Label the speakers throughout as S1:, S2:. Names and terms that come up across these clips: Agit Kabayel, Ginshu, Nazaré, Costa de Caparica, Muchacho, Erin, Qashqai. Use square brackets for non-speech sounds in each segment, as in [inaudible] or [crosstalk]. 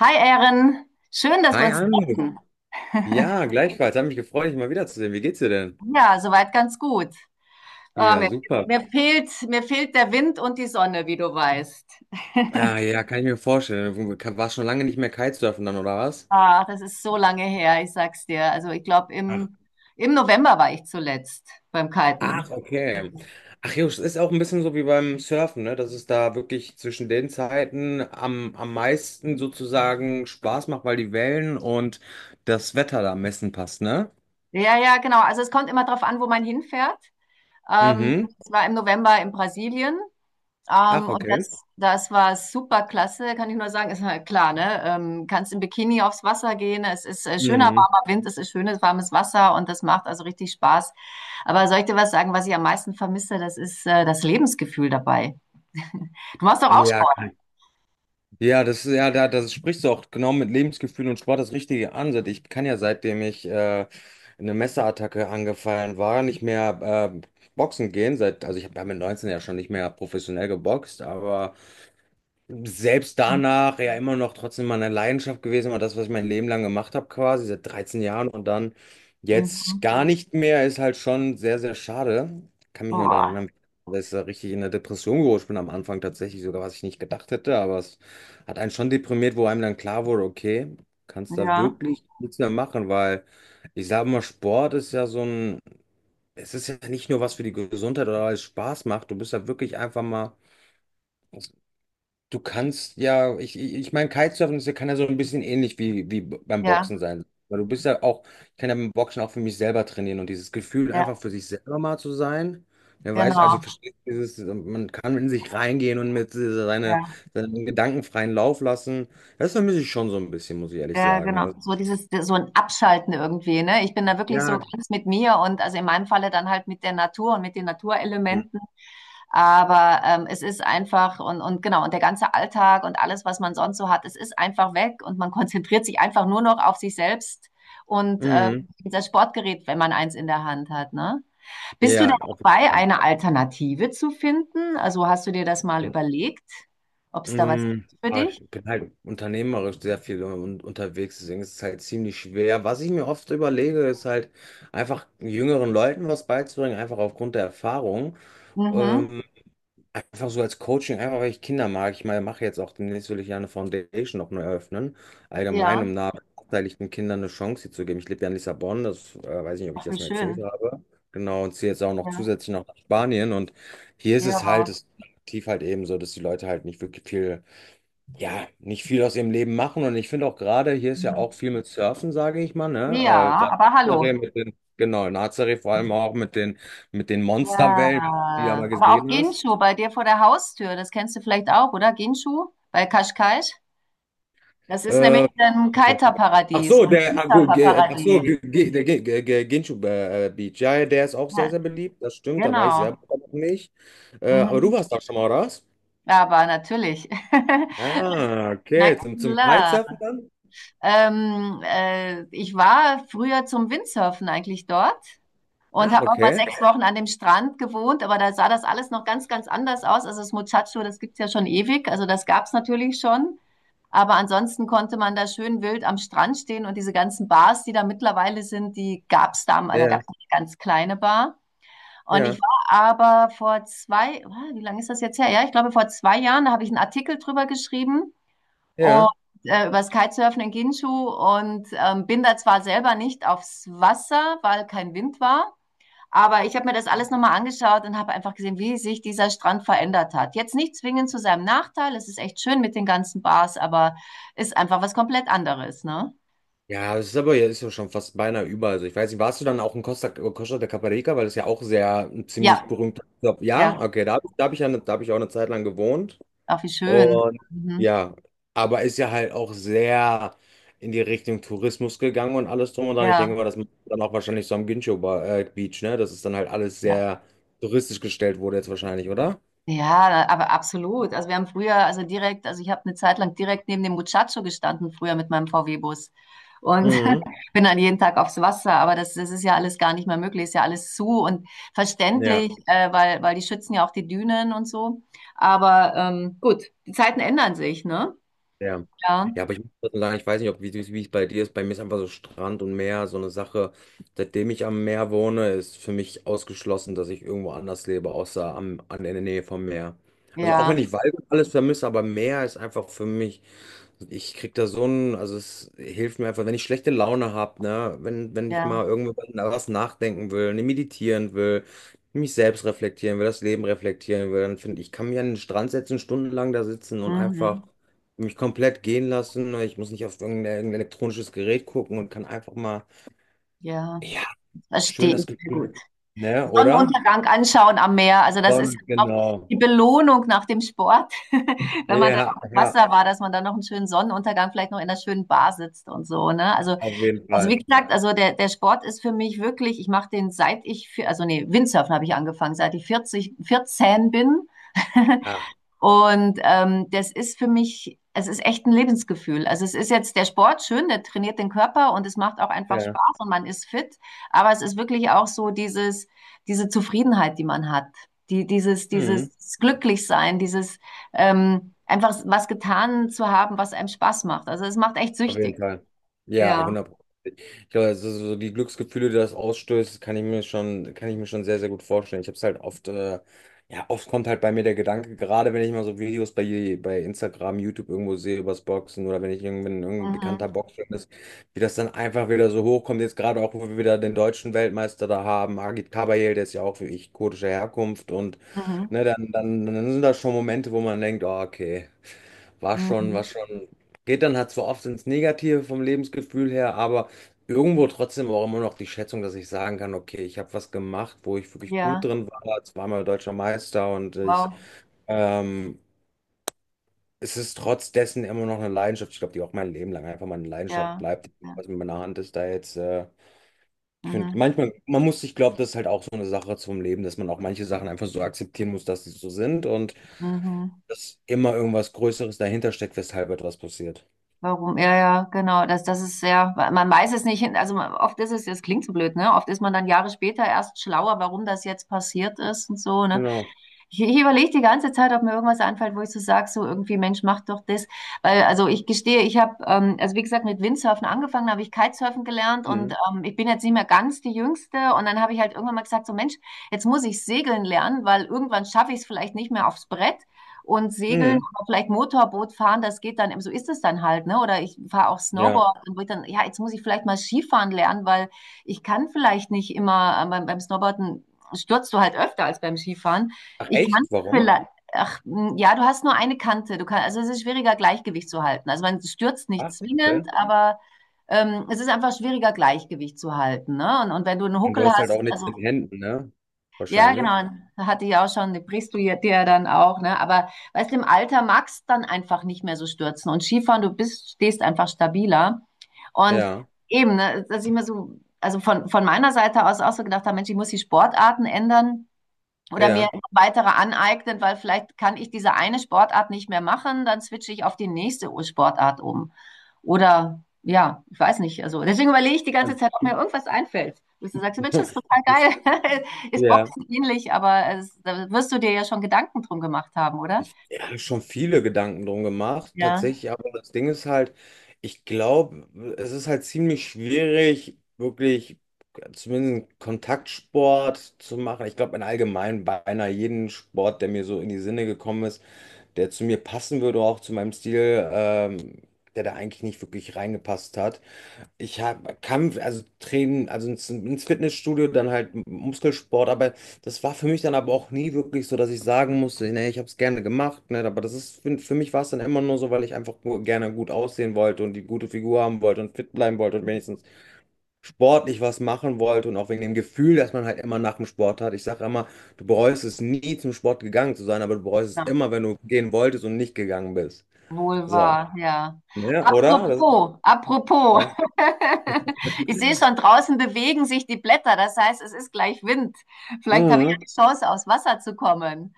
S1: Hi Erin, schön, dass wir
S2: Hi
S1: uns
S2: Anne.
S1: treffen.
S2: Ja,
S1: [laughs]
S2: gleichfalls. Hat mich gefreut, dich mal wiederzusehen. Wie geht's dir denn?
S1: Ja, soweit ganz gut. Oh,
S2: Ja, super.
S1: mir fehlt der Wind und die Sonne, wie du weißt.
S2: Ah, ja, kann ich mir vorstellen. Du warst schon lange nicht mehr Kitesurfen dann, oder was?
S1: Ach, das ist so lange her, ich sag's dir. Also ich glaube,
S2: Ach,
S1: im November war ich zuletzt beim Kiten.
S2: ach, okay. Ach, Jungs, es ist auch ein bisschen so wie beim Surfen, ne? Dass es da wirklich zwischen den Zeiten am meisten sozusagen Spaß macht, weil die Wellen und das Wetter da am besten passt, ne?
S1: Ja, ja, genau. Also es kommt immer darauf an, wo man hinfährt.
S2: Mhm.
S1: Es war im November in Brasilien.
S2: Ach,
S1: Und
S2: okay.
S1: das war super klasse, kann ich nur sagen. Ist halt klar, ne? Kannst im Bikini aufs Wasser gehen. Es ist schöner,
S2: Mhm.
S1: warmer Wind, es ist schönes, warmes Wasser und das macht also richtig Spaß. Aber soll ich dir was sagen, was ich am meisten vermisse? Das ist das Lebensgefühl dabei. Du machst doch auch
S2: Ja,
S1: Sport.
S2: ja, das ist ja, da, das sprichst du auch genau mit Lebensgefühl und Sport das Richtige an. Seit ich kann ja, seitdem ich eine Messerattacke angefallen war, nicht mehr boxen gehen. Seit, also ich habe ja mit 19 ja schon nicht mehr professionell geboxt, aber selbst
S1: Mhm.
S2: danach ja immer noch trotzdem meine Leidenschaft gewesen, war das, was ich mein Leben lang gemacht habe, quasi seit 13 Jahren und dann jetzt
S1: Mhm.
S2: gar nicht mehr, ist halt schon sehr, sehr schade. Kann mich nur daran
S1: Boah.
S2: erinnern, dass ich da richtig in der Depression gerutscht bin am Anfang tatsächlich, sogar was ich nicht gedacht hätte, aber es hat einen schon deprimiert, wo einem dann klar wurde, okay, kannst da
S1: Ja,
S2: wirklich nichts mehr machen, weil ich sage mal, Sport ist ja so ein, es ist ja nicht nur was für die Gesundheit oder alles Spaß macht, du bist ja wirklich einfach mal du kannst ja, ich meine, Kitesurfen ist, ja, kann ja so ein bisschen ähnlich wie, wie beim
S1: ja,
S2: Boxen sein. Weil du bist ja auch, ich kann ja beim Boxen auch für mich selber trainieren und dieses Gefühl, einfach
S1: ja,
S2: für sich selber mal zu sein. Wer weiß, also mhm,
S1: genau.
S2: versteht dieses, man kann in sich reingehen und mit dieser- seine,
S1: Ja.
S2: seinen Gedanken freien Lauf lassen. Das vermisse ich schon so ein bisschen, muss ich ehrlich
S1: Ja,
S2: sagen.
S1: genau.
S2: Also,
S1: So dieses, so ein Abschalten irgendwie, ne? Ich bin da wirklich so
S2: ja.
S1: ganz mit mir und also in meinem Falle dann halt mit der Natur und mit den Naturelementen. Aber es ist einfach, und genau, und der ganze Alltag und alles, was man sonst so hat, es ist einfach weg und man [laughs] konzentriert sich einfach nur noch auf sich selbst und
S2: Mhm.
S1: das Sportgerät, wenn man eins in der Hand hat, ne? Bist du denn
S2: Ja, auf jeden
S1: dabei,
S2: Fall.
S1: eine Alternative zu finden? Also hast du dir das mal überlegt, ob es da was gibt für
S2: Aber ich
S1: dich?
S2: bin halt unternehmerisch sehr viel un unterwegs, deswegen ist es halt ziemlich schwer. Was ich mir oft überlege, ist halt einfach jüngeren Leuten was beizubringen, einfach aufgrund der Erfahrung.
S1: Mhm.
S2: Ähm, Einfach so als Coaching, einfach weil ich Kinder mag. Ich meine, mache jetzt auch demnächst will ich ja eine Foundation noch neu eröffnen,
S1: Ja,
S2: allgemein, um benachteiligten Kindern eine Chance hier zu geben. Ich lebe ja in Lissabon, das weiß nicht, ob ich
S1: ach, wie
S2: das mal erzählt
S1: schön.
S2: habe. Genau, und ziehe jetzt auch noch
S1: Ja,
S2: zusätzlich noch nach Spanien. Und hier ist es halt,
S1: ja.
S2: es ist tief halt eben so, dass die Leute halt nicht wirklich viel, ja, nicht viel aus ihrem Leben machen. Und ich finde auch gerade, hier ist ja auch viel mit Surfen, sage ich mal, ne?
S1: Ja, aber
S2: Gerade
S1: hallo.
S2: in Nazaré mit den, genau, in Nazaré vor allem auch mit den Monsterwellen, die du ja
S1: Ja,
S2: mal
S1: aber auch
S2: gesehen hast.
S1: Ginshu bei dir vor der Haustür, das kennst du vielleicht auch, oder? Ginshu bei Qashqai. Das ist nämlich
S2: Äh,
S1: ein
S2: Ach
S1: Kiter-Paradies,
S2: so,
S1: ein
S2: der, ah, gut, ach so,
S1: Kiter-Paradies.
S2: der Ginchu Beach, ja, ja, der ist auch sehr,
S1: Ja,
S2: sehr beliebt, das stimmt, da war ich selber
S1: genau.
S2: noch nicht. Aber du
S1: Mhm.
S2: warst da schon mal, oder was?
S1: Ja, aber natürlich. [laughs]
S2: Ah,
S1: Na
S2: okay, zum
S1: klar.
S2: Kitesurfen dann?
S1: Ich war früher zum Windsurfen eigentlich dort und
S2: Ach,
S1: habe auch mal
S2: okay,
S1: sechs Wochen an dem Strand gewohnt, aber da sah das alles noch ganz, ganz anders aus. Also das Muchacho, das gibt's ja schon ewig, also das gab's natürlich schon. Aber ansonsten konnte man da schön wild am Strand stehen, und diese ganzen Bars, die da mittlerweile sind, die gab's damals, da
S2: ja,
S1: gab's eine ganz kleine Bar. Und ich
S2: ja,
S1: war aber vor zwei, wie lange ist das jetzt her? Ja, ich glaube vor zwei Jahren, da habe ich einen Artikel drüber geschrieben, und
S2: ja.
S1: über das Kitesurfen in Ginshu, und bin da zwar selber nicht aufs Wasser, weil kein Wind war, aber ich habe mir das alles nochmal angeschaut und habe einfach gesehen, wie sich dieser Strand verändert hat. Jetzt nicht zwingend zu seinem Nachteil, es ist echt schön mit den ganzen Bars, aber ist einfach was komplett anderes, ne?
S2: Ja, das ist aber jetzt ja schon fast beinahe über. Also ich weiß nicht, warst du dann auch in Costa de Caparica, weil das ja auch sehr ein ziemlich
S1: Ja,
S2: berühmt. Ja,
S1: ja,
S2: okay, da habe ich ja, da habe ich auch eine Zeit lang gewohnt.
S1: auch wie schön.
S2: Und
S1: Mhm.
S2: ja, aber ist ja halt auch sehr in die Richtung Tourismus gegangen und alles drum und dran. Ich
S1: Ja,
S2: denke mal, das macht dann auch wahrscheinlich so am Gincho Beach, ne? Dass es dann halt alles
S1: ja.
S2: sehr touristisch gestellt wurde jetzt wahrscheinlich, oder?
S1: Ja, aber absolut. Also wir haben früher, also direkt, also ich habe eine Zeit lang direkt neben dem Muchacho gestanden, früher mit meinem VW-Bus. Und
S2: Mhm.
S1: bin dann jeden Tag aufs Wasser, aber das, das ist ja alles gar nicht mehr möglich, ist ja alles zu und
S2: Ja.
S1: verständlich, weil, die schützen ja auch die Dünen und so. Aber gut, die Zeiten ändern sich, ne?
S2: Ja.
S1: Ja,
S2: Ja, aber ich muss trotzdem sagen, ich weiß nicht, ob wie es bei dir ist. Bei mir ist einfach so Strand und Meer so eine Sache. Seitdem ich am Meer wohne, ist für mich ausgeschlossen, dass ich irgendwo anders lebe, außer am, an der Nähe vom Meer. Also auch wenn
S1: ja,
S2: ich Wald und alles vermisse, aber Meer ist einfach für mich. Ich krieg da so ein, also es hilft mir einfach, wenn ich schlechte Laune habe, ne, wenn ich
S1: ja.
S2: mal irgendwo was nachdenken will, ne, meditieren will, mich selbst reflektieren will, das Leben reflektieren will, dann finde ich, kann mich an den Strand setzen, stundenlang da sitzen und einfach
S1: Mhm.
S2: mich komplett gehen lassen, ne. Ich muss nicht auf irgendein elektronisches Gerät gucken und kann einfach mal,
S1: Ja,
S2: ja, schön
S1: verstehe ich
S2: das
S1: sehr
S2: Gefühl,
S1: gut.
S2: ne, oder?
S1: Sonnenuntergang anschauen am Meer, also das ist ja
S2: Dann,
S1: auch
S2: genau.
S1: die Belohnung nach dem Sport, [laughs] wenn man dann
S2: Ja,
S1: auf dem
S2: ja,
S1: Wasser war, dass man dann noch einen schönen Sonnenuntergang, vielleicht noch in einer schönen Bar sitzt und so, ne? Also
S2: auf jeden
S1: Also wie
S2: Fall.
S1: gesagt, also der, der Sport ist für mich wirklich, ich mache den seit ich also nee, Windsurfen habe ich angefangen, seit ich 40, 14 bin. [laughs]
S2: Ah,
S1: Und das ist für mich, es ist echt ein Lebensgefühl. Also es ist jetzt der Sport schön, der trainiert den Körper und es macht auch einfach
S2: ja.
S1: Spaß und man ist fit. Aber es ist wirklich auch so dieses, diese Zufriedenheit, die man hat, die, dieses, dieses
S2: Mhm.
S1: Glücklichsein, dieses einfach was getan zu haben, was einem Spaß macht. Also es macht echt
S2: Auf jeden
S1: süchtig.
S2: Fall. Ja,
S1: Ja.
S2: hundert. Ich glaube, also so die Glücksgefühle, die das ausstößt, kann ich mir schon sehr, sehr gut vorstellen. Ich habe es halt oft, ja, oft kommt halt bei mir der Gedanke, gerade wenn ich mal so Videos bei Instagram, YouTube irgendwo sehe übers Boxen oder wenn ich irgendwann irgendein bekannter
S1: Mhm.
S2: Boxer ist, wie das dann einfach wieder so hochkommt. Jetzt gerade auch, wo wir wieder den deutschen Weltmeister da haben, Agit Kabayel, der ist ja auch wie ich kurdischer Herkunft und,
S1: Mhm.
S2: ne, dann sind das schon Momente, wo man denkt, oh, okay. War schon,
S1: Mhm.
S2: war schon. Geht dann halt zwar oft ins Negative vom Lebensgefühl her, aber irgendwo trotzdem auch immer noch die Schätzung, dass ich sagen kann, okay, ich habe was gemacht, wo ich wirklich gut
S1: Ja,
S2: drin war, zweimal deutscher Meister und ich,
S1: wow.
S2: ähm, es ist trotz dessen immer noch eine Leidenschaft. Ich glaube, die auch mein Leben lang einfach meine Leidenschaft
S1: Ja.
S2: bleibt,
S1: Ja.
S2: was mit meiner Hand ist da jetzt. Ich finde,
S1: Mhm.
S2: manchmal, man muss, ich glaube, das ist halt auch so eine Sache zum Leben, dass man auch manche Sachen einfach so akzeptieren muss, dass sie so sind und
S1: Mhm.
S2: dass immer irgendwas Größeres dahinter steckt, weshalb etwas passiert.
S1: Warum? Ja, ja, genau. Das, das ist sehr, man weiß es nicht hin. Also man — oft ist es, das klingt so blöd, ne? Oft ist man dann Jahre später erst schlauer, warum das jetzt passiert ist und so, ne?
S2: Genau.
S1: Ich überlege die ganze Zeit, ob mir irgendwas einfällt, wo ich so sage, so irgendwie, Mensch, mach doch das. Weil, also ich gestehe, ich habe, also wie gesagt, mit Windsurfen angefangen, habe ich Kitesurfen gelernt, und
S2: Mhm.
S1: ich bin jetzt nicht mehr ganz die Jüngste. Und dann habe ich halt irgendwann mal gesagt, so Mensch, jetzt muss ich segeln lernen, weil irgendwann schaffe ich es vielleicht nicht mehr aufs Brett. Und segeln
S2: Mhm.
S1: oder vielleicht Motorboot fahren, das geht dann, so ist es dann halt, ne? Oder ich fahre auch
S2: Ja.
S1: Snowboard, und wo ich dann, ja, jetzt muss ich vielleicht mal Skifahren lernen, weil ich kann vielleicht nicht immer, beim, Snowboarden stürzt du halt öfter als beim Skifahren.
S2: Ach
S1: Ich kann
S2: echt? Warum?
S1: vielleicht, ach, ja, du hast nur eine Kante. Du kannst, also es ist schwieriger, Gleichgewicht zu halten. Also man stürzt nicht
S2: Ach, okay.
S1: zwingend, aber es ist einfach schwieriger, Gleichgewicht zu halten. Ne? Und wenn du einen
S2: Und du
S1: Huckel
S2: hast halt
S1: hast,
S2: auch nichts
S1: also
S2: in den Händen, ne?
S1: ja,
S2: Wahrscheinlich.
S1: genau, hatte ich auch schon, die brichst du dir dann auch. Ne? Aber weißt du, im Alter magst du dann einfach nicht mehr so stürzen. Und Skifahren, du bist, stehst einfach stabiler. Und
S2: Ja,
S1: eben, ne, dass ich mir so, also von meiner Seite aus auch so gedacht habe, Mensch, ich muss die Sportarten ändern oder mir
S2: ja.
S1: weitere aneignen, weil vielleicht kann ich diese eine Sportart nicht mehr machen, dann switche ich auf die nächste Sportart um. Oder ja, ich weiß nicht. Also deswegen überlege ich die ganze
S2: Also,
S1: Zeit, ob mir irgendwas einfällt. Dass du sagst, Mensch, das ist
S2: [laughs]
S1: total
S2: das,
S1: geil. [laughs] Ist
S2: ja.
S1: Boxen ähnlich, aber es, da wirst du dir ja schon Gedanken drum gemacht haben, oder?
S2: Ich hab schon viele Gedanken drum gemacht,
S1: Ja.
S2: tatsächlich, aber das Ding ist halt, ich glaube, es ist halt ziemlich schwierig, wirklich zumindest einen Kontaktsport zu machen. Ich glaube, in allgemein beinahe jeden Sport, der mir so in die Sinne gekommen ist, der zu mir passen würde, auch zu meinem Stil, der da eigentlich nicht wirklich reingepasst hat. Ich hab, Kampf, also Training, ins Fitnessstudio, dann halt Muskelsport, aber das war für mich dann aber auch nie wirklich so, dass ich sagen musste, ne, ich habe es gerne gemacht, ne, aber das ist, für mich war es dann immer nur so, weil ich einfach gerne gut aussehen wollte und die gute Figur haben wollte und fit bleiben wollte und wenigstens sportlich was machen wollte und auch wegen dem Gefühl, dass man halt immer nach dem Sport hat. Ich sage immer, du bereust es nie zum Sport gegangen zu sein, aber du bereust es
S1: Ja.
S2: immer, wenn du gehen wolltest und nicht gegangen bist.
S1: Wohl
S2: So,
S1: wahr, ja.
S2: ne, oder? Das ist,
S1: Apropos, apropos.
S2: ja.
S1: [laughs] Ich sehe schon, draußen bewegen sich die Blätter. Das heißt, es ist gleich Wind. Vielleicht habe ich ja
S2: Mhm.
S1: die Chance, aufs Wasser zu kommen.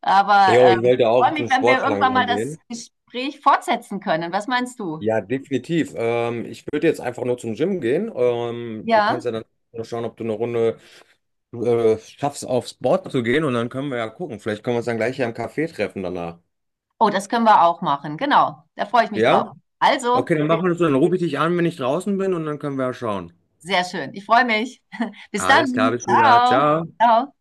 S1: Aber
S2: Jo, ich
S1: ich
S2: wollte
S1: freue
S2: auch zum
S1: mich, wenn wir
S2: Sport
S1: irgendwann
S2: langsam
S1: mal das
S2: gehen.
S1: Gespräch fortsetzen können. Was meinst du?
S2: Ja, definitiv. Ich würde jetzt einfach nur zum Gym gehen. Du
S1: Ja.
S2: kannst ja dann nur schauen, ob du eine Runde schaffst, aufs Board zu gehen und dann können wir ja gucken. Vielleicht können wir uns dann gleich hier im Café treffen danach.
S1: Oh, das können wir auch machen. Genau. Da freue ich mich
S2: Ja?
S1: drauf.
S2: Okay,
S1: Also,
S2: dann machen wir das so. Dann rufe ich dich an, wenn ich draußen bin und dann können wir ja schauen.
S1: sehr schön. Ich freue mich. [laughs] Bis
S2: Alles klar,
S1: dann.
S2: bis wieder.
S1: Ciao.
S2: Ciao.
S1: Ciao.